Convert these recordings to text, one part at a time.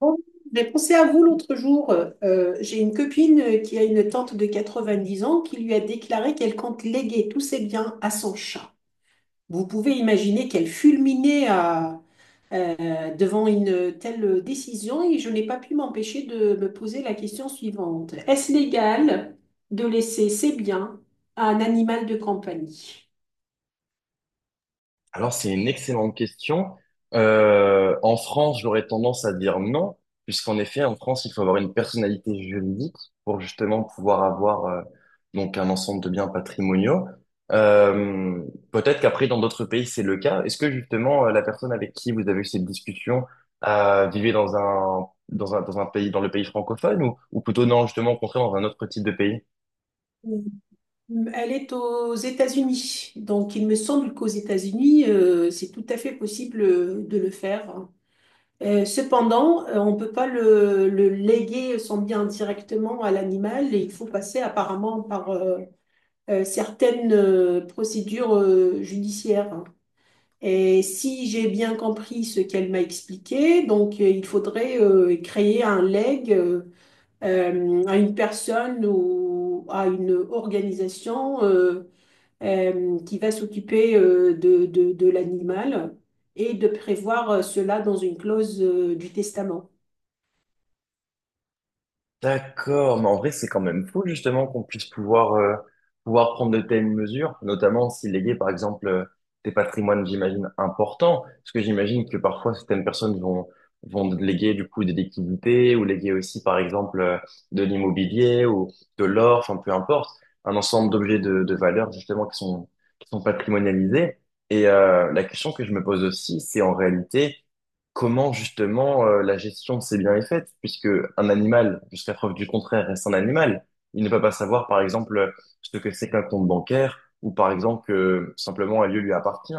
Bon, j'ai pensé à vous l'autre jour. J'ai une copine qui a une tante de 90 ans qui lui a déclaré qu'elle compte léguer tous ses biens à son chat. Vous pouvez imaginer qu'elle fulminait devant une telle décision et je n'ai pas pu m'empêcher de me poser la question suivante. Est-ce légal de laisser ses biens à un animal de compagnie? Alors, c'est une excellente question. En France, j'aurais tendance à dire non, puisqu'en effet, en France, il faut avoir une personnalité juridique pour justement pouvoir avoir donc un ensemble de biens patrimoniaux. Euh, Peut-être qu'après, dans d'autres pays, c'est le cas. Est-ce que justement, la personne avec qui vous avez eu cette discussion vivait dans un pays, dans le pays francophone ou plutôt non, justement, au contraire, dans un autre type de pays? Elle est aux États-Unis. Donc, il me semble qu'aux États-Unis, c'est tout à fait possible de le faire. Cependant, on ne peut pas le léguer son bien directement à l'animal et il faut passer apparemment par certaines procédures judiciaires. Et si j'ai bien compris ce qu'elle m'a expliqué, donc il faudrait créer un legs à une personne ou à une organisation. Qui va s'occuper de l'animal et de prévoir cela dans une clause du testament. D'accord, mais en vrai, c'est quand même fou justement qu'on puisse pouvoir prendre de telles mesures, notamment si léguer par exemple des patrimoines, j'imagine, importants, parce que j'imagine que parfois certaines personnes vont léguer du coup des liquidités ou léguer aussi par exemple de l'immobilier ou de l'or, enfin peu importe, un ensemble d'objets de valeur justement qui sont patrimonialisés. Et la question que je me pose aussi, c'est en réalité comment justement la gestion de ces biens est faite, puisque un animal, jusqu'à preuve du contraire, reste un animal. Il ne peut pas savoir, par exemple, ce que c'est qu'un compte bancaire, ou par exemple que simplement un lieu lui appartient.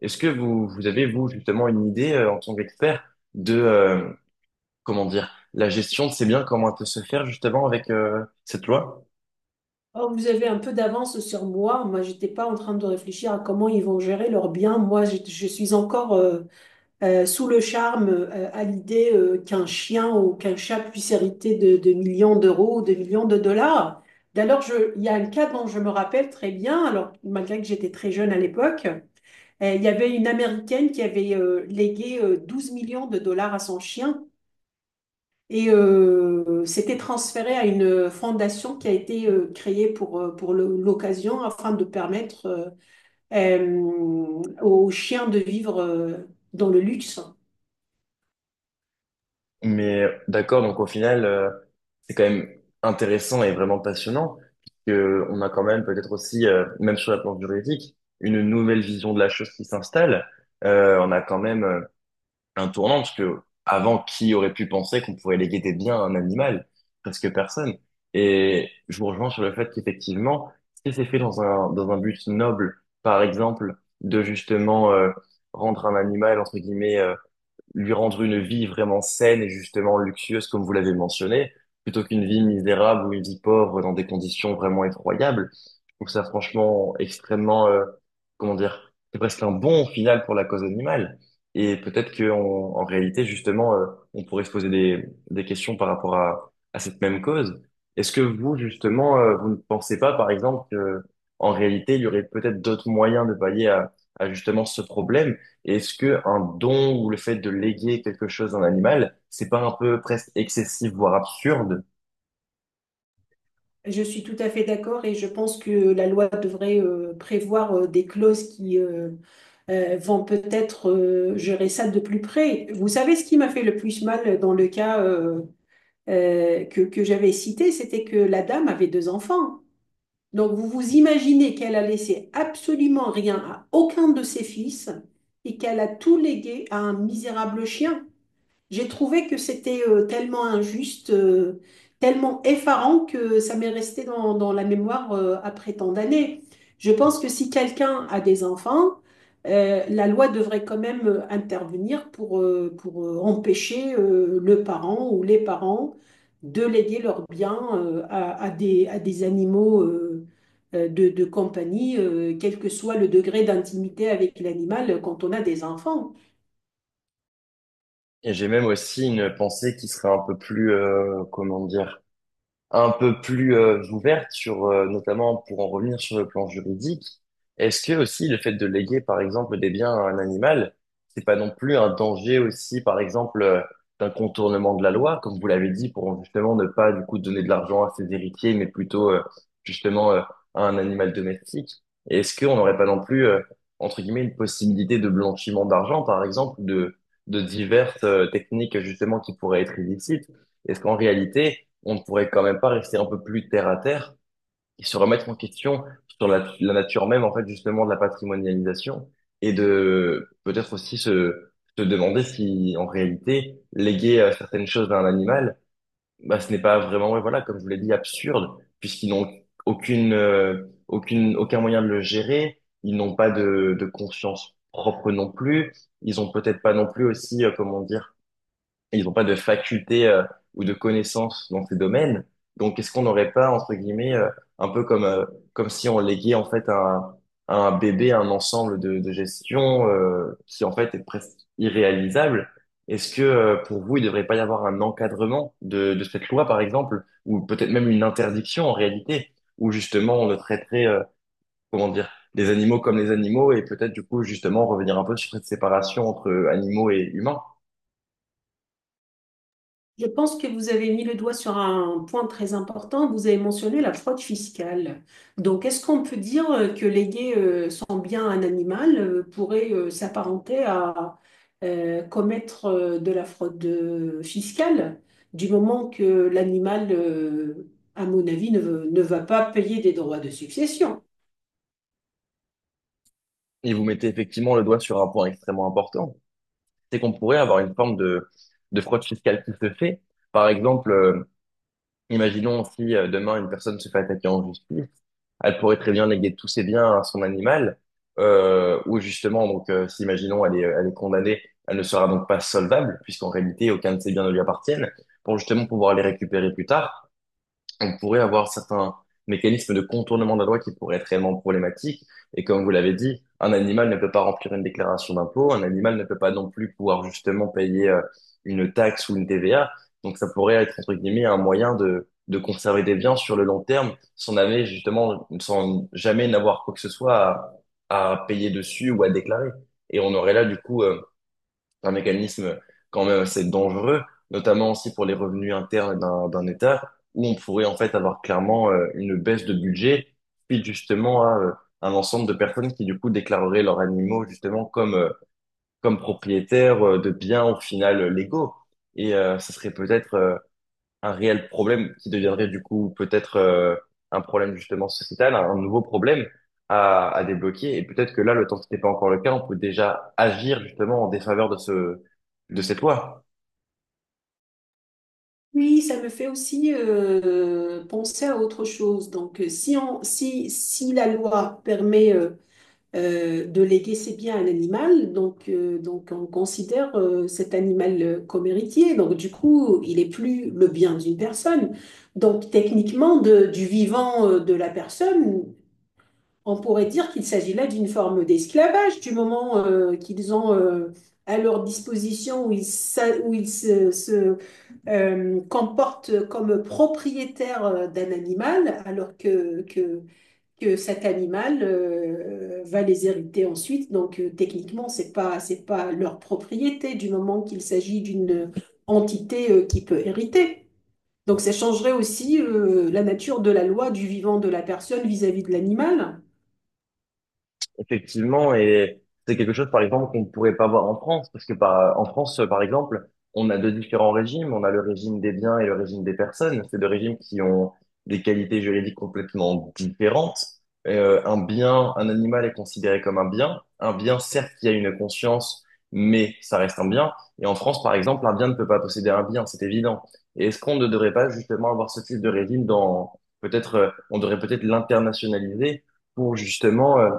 Est-ce que vous, vous avez, vous, justement, une idée, en tant qu'expert, de, comment dire, la gestion de ces biens, comment elle peut se faire justement avec cette loi? Or, vous avez un peu d'avance sur moi. Moi, j'étais pas en train de réfléchir à comment ils vont gérer leurs biens. Moi, je suis encore sous le charme à l'idée qu'un chien ou qu'un chat puisse hériter de millions d'euros ou de millions de dollars. D'ailleurs, il y a un cas dont je me rappelle très bien, alors malgré que j'étais très jeune à l'époque. Il y avait une Américaine qui avait légué 12 millions de dollars à son chien et c'était transféré à une fondation qui a été créée pour l'occasion afin de permettre aux chiens de vivre dans le luxe. Mais d'accord, donc au final, c'est quand même intéressant et vraiment passionnant, puisque on a quand même peut-être aussi, même sur la planche juridique, une nouvelle vision de la chose qui s'installe. On a quand même un tournant, parce que avant, qui aurait pu penser qu'on pourrait léguer des biens à un animal? Presque personne. Et je vous rejoins sur le fait qu'effectivement, si c'est fait dans un but noble, par exemple, de justement rendre un animal, entre guillemets, lui rendre une vie vraiment saine et justement luxueuse, comme vous l'avez mentionné, plutôt qu'une vie misérable ou une vie pauvre dans des conditions vraiment effroyables. Je trouve ça franchement extrêmement, comment dire, c'est presque un bon final pour la cause animale. Et peut-être que en réalité, justement, on pourrait se poser des questions par rapport à cette même cause. Est-ce que vous, justement, vous ne pensez pas, par exemple, que en réalité, il y aurait peut-être d'autres moyens de pallier à justement ce problème? Est-ce que un don ou le fait de léguer quelque chose à un animal, c'est pas un peu presque excessif, voire absurde? Je suis tout à fait d'accord et je pense que la loi devrait prévoir des clauses qui vont peut-être gérer ça de plus près. Vous savez ce qui m'a fait le plus mal dans le cas que j'avais cité, c'était que la dame avait deux enfants. Donc vous vous imaginez qu'elle a laissé absolument rien à aucun de ses fils et qu'elle a tout légué à un misérable chien. J'ai trouvé que c'était tellement injuste, tellement effarant que ça m'est resté dans la mémoire après tant d'années. Je pense que si quelqu'un a des enfants, la loi devrait quand même intervenir pour empêcher le parent ou les parents de léguer leurs biens à des animaux de compagnie, quel que soit le degré d'intimité avec l'animal quand on a des enfants. Et j'ai même aussi une pensée qui serait un peu plus, comment dire, un peu plus ouverte sur, notamment pour en revenir sur le plan juridique, est-ce que aussi le fait de léguer, par exemple, des biens à un animal, c'est pas non plus un danger aussi, par exemple, d'un contournement de la loi, comme vous l'avez dit, pour justement ne pas du coup donner de l'argent à ses héritiers, mais plutôt justement à un animal domestique? Et est-ce qu'on n'aurait pas non plus, entre guillemets, une possibilité de blanchiment d'argent, par exemple, ou de diverses techniques justement qui pourraient être illicites? Est-ce qu'en réalité, on ne pourrait quand même pas rester un peu plus terre à terre et se remettre en question sur la nature même, en fait, justement, de la patrimonialisation et de peut-être aussi se demander si, en réalité, léguer certaines choses à un animal, bah, ce n'est pas vraiment, ouais, voilà, comme je vous l'ai dit, absurde, puisqu'ils n'ont aucun moyen de le gérer, ils n'ont pas de conscience propre non plus, ils ont peut-être pas non plus aussi, comment dire, ils n'ont pas de faculté ou de connaissances dans ces domaines. Donc, est-ce qu'on n'aurait pas, entre guillemets, un peu comme, comme si on léguait en fait à un bébé un ensemble de gestion qui en fait est presque irréalisable? Est-ce que pour vous, il ne devrait pas y avoir un encadrement de cette loi, par exemple, ou peut-être même une interdiction en réalité, où justement on ne traiterait, comment dire, les animaux comme les animaux et peut-être du coup justement revenir un peu sur cette séparation entre animaux et humains? Je pense que vous avez mis le doigt sur un point très important. Vous avez mentionné la fraude fiscale. Donc, est-ce qu'on peut dire que léguer son bien à un animal pourrait s'apparenter à commettre de la fraude fiscale, du moment que l'animal, à mon avis, ne va pas payer des droits de succession? Et vous mettez effectivement le doigt sur un point extrêmement important, c'est qu'on pourrait avoir une forme de fraude fiscale qui se fait. Par exemple, imaginons si demain une personne se fait attaquer en justice, elle pourrait très bien léguer tous ses biens à son animal, ou justement, donc, si imaginons elle est condamnée, elle ne sera donc pas solvable, puisqu'en réalité, aucun de ses biens ne lui appartiennent, pour justement pouvoir les récupérer plus tard. On pourrait avoir certains mécanismes de contournement de la loi qui pourraient être réellement problématiques. Et comme vous l'avez dit, un animal ne peut pas remplir une déclaration d'impôt, un animal ne peut pas non plus pouvoir justement payer une taxe ou une TVA. Donc ça pourrait être, entre guillemets, un moyen de conserver des biens sur le long terme sans jamais, justement, sans jamais n'avoir quoi que ce soit à payer dessus ou à déclarer. Et on aurait là, du coup, c'est un mécanisme quand même assez dangereux, notamment aussi pour les revenus internes d'un État, où on pourrait en fait avoir clairement une baisse de budget, puis justement à un ensemble de personnes qui du coup déclareraient leurs animaux justement comme propriétaires de biens au final légaux. Et ça serait peut-être un réel problème qui deviendrait du coup peut-être un problème justement sociétal, un nouveau problème à débloquer. Et peut-être que là, le temps que ce n'est pas encore le cas, on peut déjà agir justement en défaveur de cette loi. Oui, ça me fait aussi penser à autre chose. Donc, si, on, si, si la loi permet de léguer ses biens à un animal, donc on considère cet animal comme héritier. Donc, du coup, il n'est plus le bien d'une personne. Donc, techniquement, du vivant de la personne, on pourrait dire qu'il s'agit là d'une forme d'esclavage du moment qu'ils ont à leur disposition où ils se comportent comme propriétaires d'un animal alors que cet animal va les hériter ensuite. Donc techniquement, c'est pas leur propriété du moment qu'il s'agit d'une entité qui peut hériter. Donc ça changerait aussi la nature de la loi du vivant de la personne vis-à-vis de l'animal. Effectivement, et c'est quelque chose, par exemple, qu'on ne pourrait pas voir en France, parce que en France, par exemple, on a deux différents régimes. On a le régime des biens et le régime des personnes. C'est deux régimes qui ont des qualités juridiques complètement différentes. Un bien, un animal est considéré comme un bien. Un bien, certes, qui a une conscience, mais ça reste un bien. Et en France, par exemple, un bien ne peut pas posséder un bien, c'est évident. Et est-ce qu'on ne devrait pas justement avoir ce type de régime dans, peut-être, on devrait peut-être l'internationaliser pour justement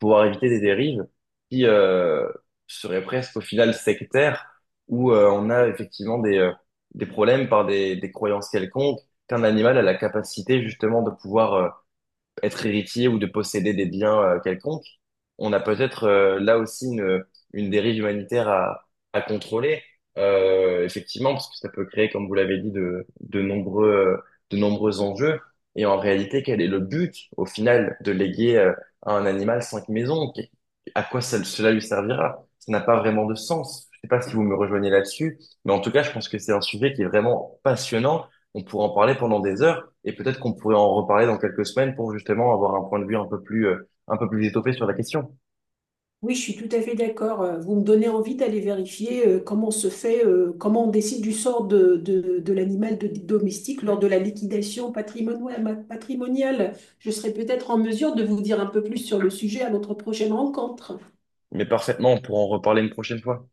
pouvoir éviter des dérives qui seraient presque au final sectaires, où on a effectivement des problèmes par des croyances quelconques, qu'un animal a la capacité justement de pouvoir être héritier ou de posséder des biens quelconques, on a peut-être là aussi une dérive humanitaire à contrôler, effectivement, parce que ça peut créer, comme vous l'avez dit, de nombreux enjeux. Et en réalité, quel est le but, au final, de léguer à un animal cinq maisons? À quoi cela lui servira? Ça n'a pas vraiment de sens. Je sais pas si vous me rejoignez là-dessus, mais en tout cas, je pense que c'est un sujet qui est vraiment passionnant. On pourrait en parler pendant des heures et peut-être qu'on pourrait en reparler dans quelques semaines pour justement avoir un point de vue un peu plus étoffé sur la question. Oui, je suis tout à fait d'accord. Vous me donnez envie d'aller vérifier comment se fait, comment on décide du sort de l'animal domestique lors de la liquidation patrimoniale. Je serai peut-être en mesure de vous dire un peu plus sur le sujet à notre prochaine rencontre. Mais parfaitement, on pourra en reparler une prochaine fois.